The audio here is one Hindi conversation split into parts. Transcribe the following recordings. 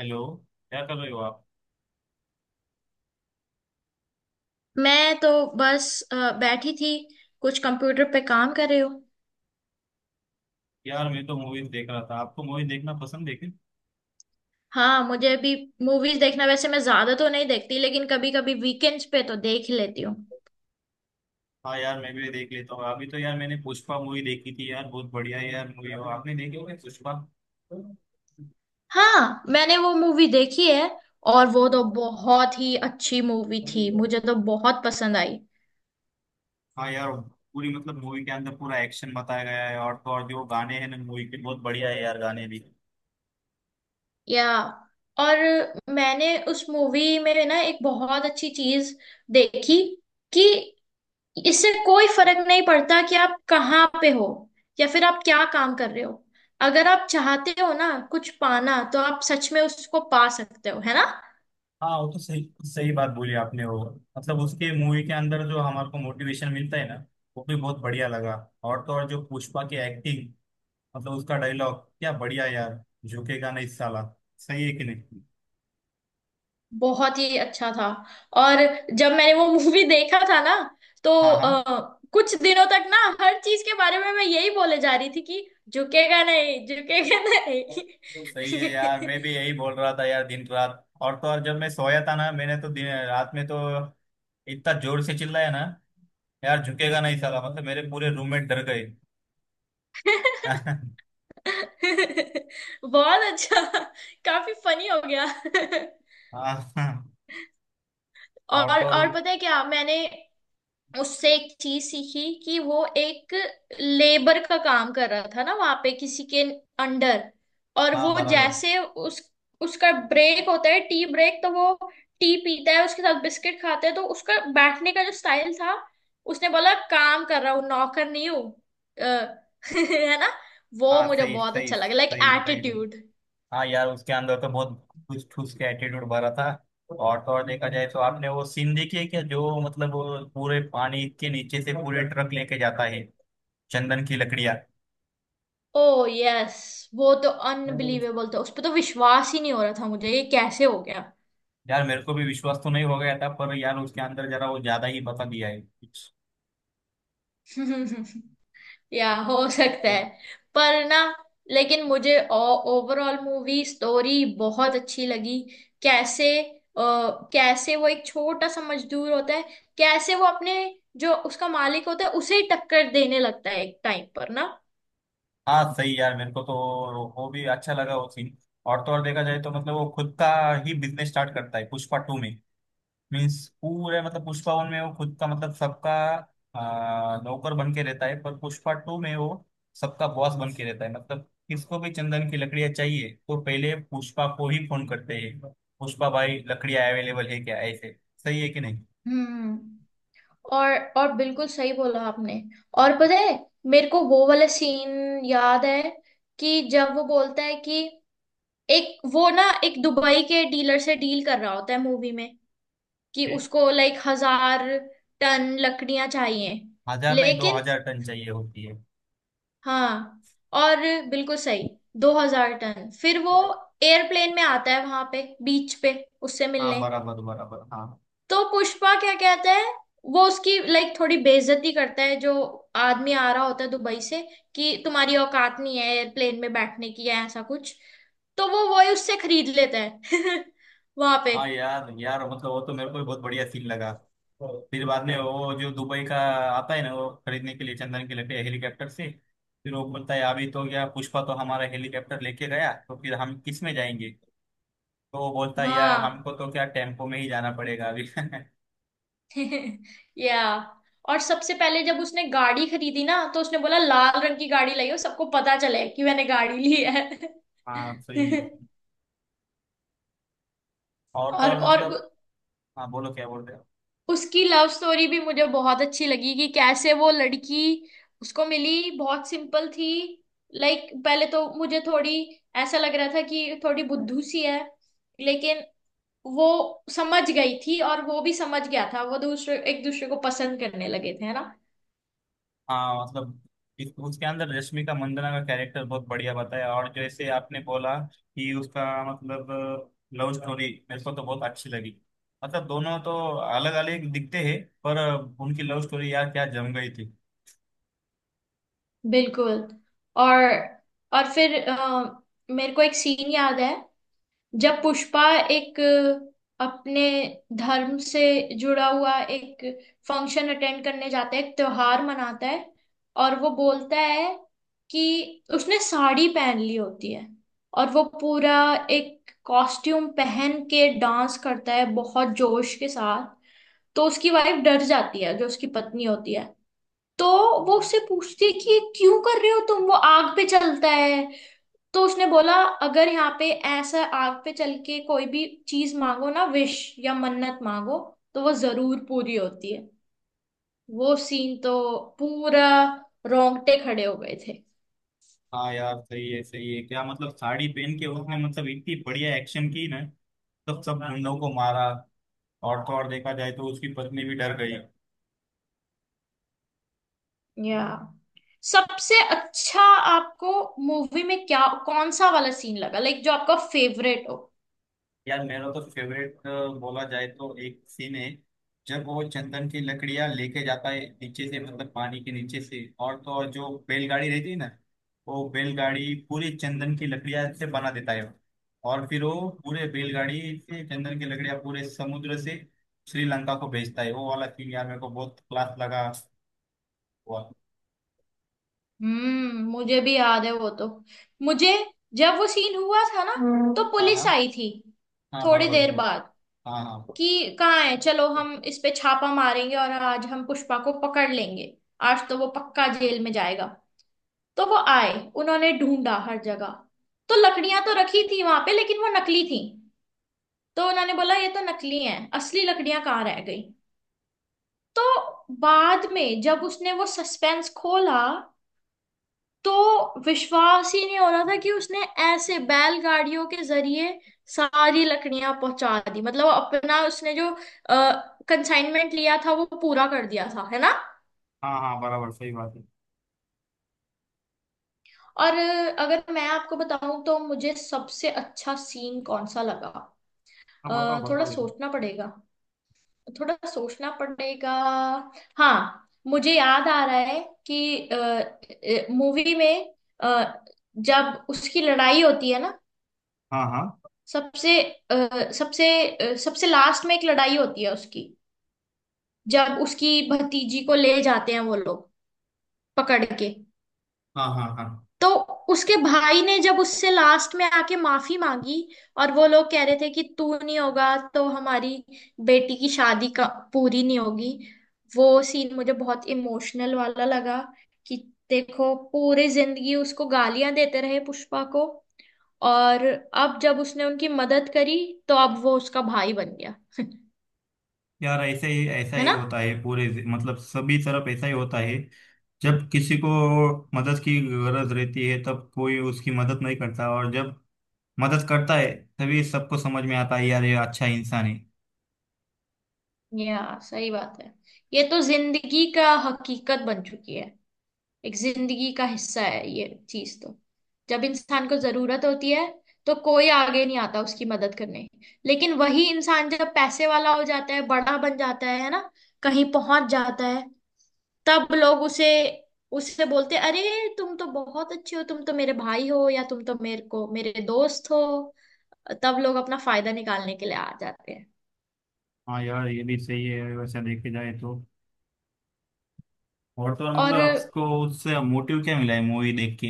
हेलो। क्या कर रहे हो आप? मैं तो बस बैठी थी। कुछ कंप्यूटर पे काम कर रही हूँ। यार मैं तो मूवीज देख रहा था। आपको मूवी देखना पसंद है क्या? हाँ, मुझे भी मूवीज देखना, वैसे मैं ज्यादा तो नहीं देखती लेकिन कभी कभी वीकेंड्स पे तो देख ही लेती हूँ। हाँ यार, मैं भी देख लेता हूँ। अभी तो यार मैंने पुष्पा मूवी देखी थी यार, बहुत बढ़िया है यार मूवी। और आपने देखी होगी पुष्पा? हाँ, मैंने वो मूवी देखी है। और वो तो बहुत ही अच्छी मूवी थी, हाँ मुझे तो बहुत पसंद आई। यार। पूरी मतलब मूवी के अंदर पूरा एक्शन बताया गया है। और तो और जो गाने हैं ना मूवी के, बहुत बढ़िया है यार गाने भी। या, और मैंने उस मूवी में ना एक बहुत अच्छी चीज देखी कि इससे कोई फर्क नहीं पड़ता कि आप कहाँ पे हो या फिर आप क्या काम कर रहे हो। अगर आप चाहते हो ना कुछ पाना, तो आप सच में उसको पा सकते हो, है ना। हाँ वो तो सही, सही बात बोली आपने। वो मतलब उसके मूवी के अंदर जो हमारे को मोटिवेशन मिलता है ना, वो भी बहुत बढ़िया लगा। और तो और जो पुष्पा की एक्टिंग, मतलब उसका डायलॉग क्या बढ़िया यार, झुकेगा नहीं साला। सही है कि नहीं? बहुत ही अच्छा था। और जब मैंने वो मूवी देखा था ना, तो हाँ हाँ। कुछ दिनों तक ना हर चीज के बारे में मैं यही बोले जा रही थी कि झुकेगा नहीं, झुकेगा नहीं। सही है यार, मैं भी यही बोल रहा था यार दिन रात। और तो और जब मैं सोया था ना, मैंने तो दिन रात में तो इतना जोर से चिल्लाया ना यार, झुकेगा नहीं साला, मतलब मेरे पूरे रूममेट डर गए। हाँ। बहुत अच्छा, काफी फनी हो गया। हाँ। और और तो और और, पता है क्या, मैंने उससे एक चीज सीखी कि वो एक लेबर का काम कर रहा था ना वहां पे किसी के अंडर। और हाँ वो बराबर। जैसे उस उसका ब्रेक होता है, टी ब्रेक, तो वो टी पीता है, उसके साथ बिस्किट खाते हैं। तो उसका बैठने का जो स्टाइल था, उसने बोला काम कर रहा हूँ, नौकर नहीं हूँ, अ, है ना। वो हाँ, मुझे सही बहुत सही अच्छा लगा, लाइक सही सही। एटीट्यूड। हाँ यार उसके अंदर तो बहुत ठूस ठूस के एटीट्यूड भरा था। और तो और देखा जाए तो, आपने वो सीन देखी है क्या, जो मतलब वो पूरे पानी के नीचे से पूरे ट्रक लेके जाता है चंदन की लकड़ियाँ? ओ यस, वो तो अनबिलीवेबल था, उस पर तो विश्वास ही नहीं हो रहा था मुझे, ये कैसे हो गया। यार मेरे को भी विश्वास तो नहीं हो गया था, पर यार उसके अंदर जरा वो ज्यादा ही बता दिया है कुछ। या हो सकता है, पर ना, लेकिन मुझे ओवरऑल मूवी स्टोरी बहुत अच्छी लगी। कैसे कैसे वो एक छोटा सा मजदूर होता है, कैसे वो अपने जो उसका मालिक होता है उसे ही टक्कर देने लगता है एक टाइम पर, ना। हाँ सही। यार मेरे को तो वो भी अच्छा लगा वो सीन। और तो और देखा जाए तो मतलब वो खुद का ही बिजनेस स्टार्ट करता है पुष्पा टू में। मीन्स पूरे मतलब पुष्पा वन में वो खुद का मतलब सबका नौकर बन के रहता है, पर पुष्पा टू में वो सबका बॉस बन के रहता है। मतलब किसको भी चंदन की लकड़ियां चाहिए तो पहले पुष्पा को ही फोन करते हैं, पुष्पा भाई लकड़ियां अवेलेबल है क्या, ऐसे। सही है कि नहीं? हम्म। और बिल्कुल सही बोला आपने। और पता है, मेरे को वो वाला सीन याद है कि जब वो बोलता है कि एक वो ना एक दुबई के डीलर से डील कर रहा होता है मूवी में कि ओके। उसको लाइक 1,000 टन लकड़ियां चाहिए। हजार नहीं, दो लेकिन हजार टन चाहिए होती है। हाँ, और बिल्कुल सही, 2,000 टन, फिर वो एयरप्लेन में आता है वहां पे बीच पे उससे हाँ मिलने। बराबर बराबर। हाँ। तो पुष्पा क्या कहता है, वो उसकी लाइक थोड़ी बेइज्जती करता है, जो आदमी आ रहा होता है दुबई से, कि तुम्हारी औकात नहीं है एयरप्लेन में बैठने की या ऐसा कुछ। तो वो वही उससे खरीद लेता है वहां पे। हाँ यार यार मतलब वो तो मेरे को भी बहुत बढ़िया सीन लगा। फिर बाद में वो जो दुबई का आता है ना वो खरीदने के लिए चंदन के लिए हेलीकॉप्टर से, फिर वो बोलता है अभी तो क्या पुष्पा तो हमारा हेलीकॉप्टर लेके गया, तो फिर हम किस में जाएंगे? तो वो बोलता है यार हमको हाँ। तो क्या टेम्पो में ही जाना पड़ेगा अभी। या, और सबसे पहले जब उसने गाड़ी खरीदी ना, तो उसने बोला लाल रंग की गाड़ी लाई हो, सबको पता चले कि मैंने गाड़ी ली है। हाँ सही। और तो और और और मतलब, उ- हाँ बोलो क्या बोल रहे हो? उसकी लव स्टोरी भी मुझे बहुत अच्छी लगी कि कैसे वो लड़की उसको मिली बहुत सिंपल थी। लाइक पहले तो मुझे थोड़ी, ऐसा लग रहा था कि थोड़ी बुद्धू सी है, लेकिन वो समझ गई थी और वो भी समझ गया था, वो दूसरे एक दूसरे को पसंद करने लगे थे, है ना। हाँ मतलब उसके अंदर रश्मि का मंदाना का कैरेक्टर बहुत बढ़िया बताया। और जैसे आपने बोला कि उसका मतलब लव स्टोरी, मेरे को तो बहुत अच्छी लगी। मतलब दोनों तो अलग अलग दिखते हैं पर उनकी लव स्टोरी यार क्या जम गई थी। बिल्कुल। और और फिर मेरे को एक सीन याद है जब पुष्पा एक अपने धर्म से जुड़ा हुआ एक फंक्शन अटेंड करने जाता है, एक त्योहार मनाता है। और वो बोलता है कि उसने साड़ी पहन ली होती है और वो पूरा एक कॉस्ट्यूम पहन के डांस करता है बहुत जोश के साथ। तो उसकी वाइफ डर जाती है, जो उसकी पत्नी होती है। तो वो उससे पूछती है कि ये क्यों कर रहे हो तुम, वो आग पे चलता है। तो उसने बोला अगर यहाँ पे ऐसा आग पे चल के कोई भी चीज मांगो ना, विश या मन्नत मांगो, तो वो जरूर पूरी होती है। वो सीन तो पूरा रोंगटे खड़े हो गए थे। हाँ यार सही है, सही है क्या। मतलब साड़ी पहन के उसने मतलब इतनी बढ़िया एक्शन की ना, तब सब गुंडों को मारा। और तो और देखा जाए तो उसकी पत्नी भी डर गई। या सबसे अच्छा आपको मूवी में क्या, कौन सा वाला सीन लगा, लाइक जो आपका फेवरेट हो। यार मेरा तो फेवरेट बोला जाए तो एक सीन है जब वो चंदन की लकड़ियां लेके जाता है नीचे से, मतलब पानी के नीचे से, और तो और जो बैलगाड़ी रहती है ना, वो बैलगाड़ी पूरी चंदन की लकड़ियां से बना देता है वो। और फिर वो पूरे बैलगाड़ी से चंदन की लकड़ियां पूरे समुद्र से श्रीलंका को भेजता है। वो वाला सीन यार मेरे को बहुत क्लास लगा हुआ। हम्म, मुझे भी याद है वो तो। मुझे, जब वो सीन हुआ था ना, तो हाँ पुलिस हाँ। आई थी हाँ थोड़ी बराबर, देर बिल्कुल। बाद हाँ हाँ कि कहाँ है, चलो हम इस पे छापा मारेंगे और आज हम पुष्पा को पकड़ लेंगे, आज तो वो पक्का जेल में जाएगा। तो वो आए, उन्होंने ढूंढा हर जगह। तो लकड़ियां तो रखी थी वहां पे लेकिन वो नकली थी। तो उन्होंने बोला ये तो नकली हैं, असली लकड़ियां कहाँ रह गई। तो बाद में जब उसने वो सस्पेंस खोला, तो विश्वास ही नहीं हो रहा था कि उसने ऐसे बैलगाड़ियों के जरिए सारी लकड़ियां पहुंचा दी, मतलब अपना उसने जो कंसाइनमेंट लिया था वो पूरा कर दिया था, है ना। हाँ हाँ बराबर, सही बात है। और अगर मैं आपको बताऊं तो मुझे सबसे अच्छा सीन कौन सा लगा। हाँ बताओ थोड़ा बताओ ये। सोचना पड़ेगा, थोड़ा सोचना पड़ेगा। हाँ, मुझे याद आ रहा है कि मूवी में अ, जब उसकी लड़ाई होती है ना, हाँ हाँ सबसे अ, सबसे सबसे लास्ट में एक लड़ाई होती है उसकी, जब उसकी भतीजी को ले जाते हैं वो लोग पकड़ के। हाँ हाँ। हाँ तो उसके भाई ने जब उससे लास्ट में आके माफी मांगी, और वो लोग कह रहे थे कि तू नहीं होगा तो हमारी बेटी की शादी का पूरी नहीं होगी। वो सीन मुझे बहुत इमोशनल वाला लगा कि देखो पूरी जिंदगी उसको गालियां देते रहे पुष्पा को, और अब जब उसने उनकी मदद करी, तो अब वो उसका भाई बन गया, यार, ऐसा है ही ना। होता है पूरे मतलब सभी तरफ ऐसा ही होता है। जब किसी को मदद की गरज रहती है तब कोई उसकी मदद नहीं करता, और जब मदद करता है तभी सबको समझ में आता है यार ये अच्छा इंसान है। या, सही बात है, ये तो जिंदगी का हकीकत बन चुकी है, एक जिंदगी का हिस्सा है ये चीज तो। जब इंसान को जरूरत होती है तो कोई आगे नहीं आता उसकी मदद करने, लेकिन वही इंसान जब पैसे वाला हो जाता है, बड़ा बन जाता है ना, कहीं पहुंच जाता है, तब लोग उसे उससे बोलते हैं, अरे तुम तो बहुत अच्छे हो, तुम तो मेरे भाई हो, या तुम तो मेरे को मेरे दोस्त हो। तब लोग अपना फायदा निकालने के लिए आ जाते हैं। हाँ यार ये भी सही है वैसे देखे जाए तो। और तो और और मतलब आपको उससे मोटिव क्या मिला है मूवी देख के?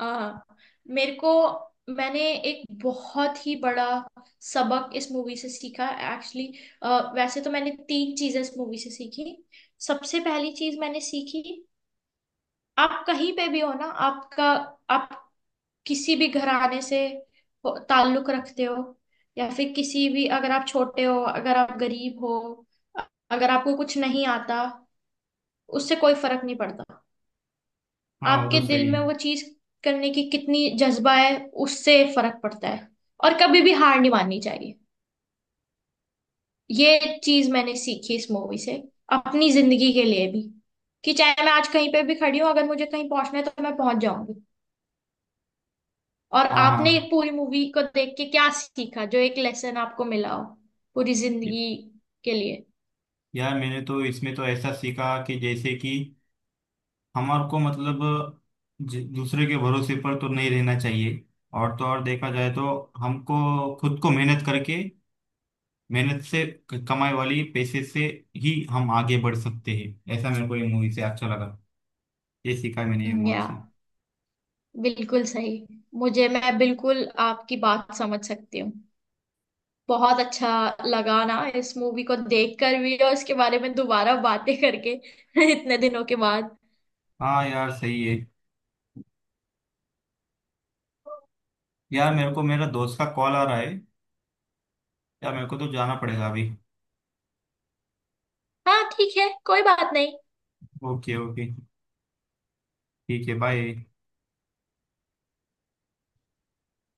हाँ, मेरे को, मैंने एक बहुत ही बड़ा सबक इस मूवी से सीखा एक्चुअली। वैसे तो मैंने तीन चीजें इस मूवी से सीखी। सबसे पहली चीज मैंने सीखी, आप कहीं पे भी हो ना, आपका आप किसी भी घराने से ताल्लुक रखते हो, या फिर किसी भी, अगर आप छोटे हो, अगर आप गरीब हो, अगर आपको कुछ नहीं आता, उससे कोई फर्क नहीं पड़ता। हाँ वो आपके तो दिल सही में है। वो चीज करने की कितनी जज्बा है, उससे फर्क पड़ता है। और कभी भी हार नहीं माननी चाहिए। ये चीज मैंने सीखी इस मूवी से, अपनी जिंदगी के लिए भी, कि चाहे मैं आज कहीं पे भी खड़ी हूँ, अगर मुझे कहीं पहुंचना है तो मैं पहुंच जाऊंगी। और हाँ आपने एक हाँ। पूरी मूवी को देख के क्या सीखा, जो एक लेसन आपको मिला हो पूरी जिंदगी के लिए। यार मैंने तो इसमें तो ऐसा सीखा कि जैसे कि हमारे को मतलब दूसरे के भरोसे पर तो नहीं रहना चाहिए। और तो और देखा जाए तो हमको खुद को मेहनत करके, मेहनत से कमाई वाली पैसे से ही हम आगे बढ़ सकते हैं। ऐसा मेरे को ये मूवी से अच्छा लगा, ये सीखा मैंने ये मूवी या से। बिल्कुल सही, मुझे, मैं बिल्कुल आपकी बात समझ सकती हूँ। बहुत अच्छा लगा ना इस मूवी को देखकर भी और इसके बारे में दोबारा बातें करके इतने दिनों के बाद। हाँ यार सही है। यार मेरे को मेरा दोस्त का कॉल आ रहा है, यार मेरे को तो जाना पड़ेगा अभी। हाँ ठीक है, कोई बात नहीं। ओके ओके, ठीक है, बाय।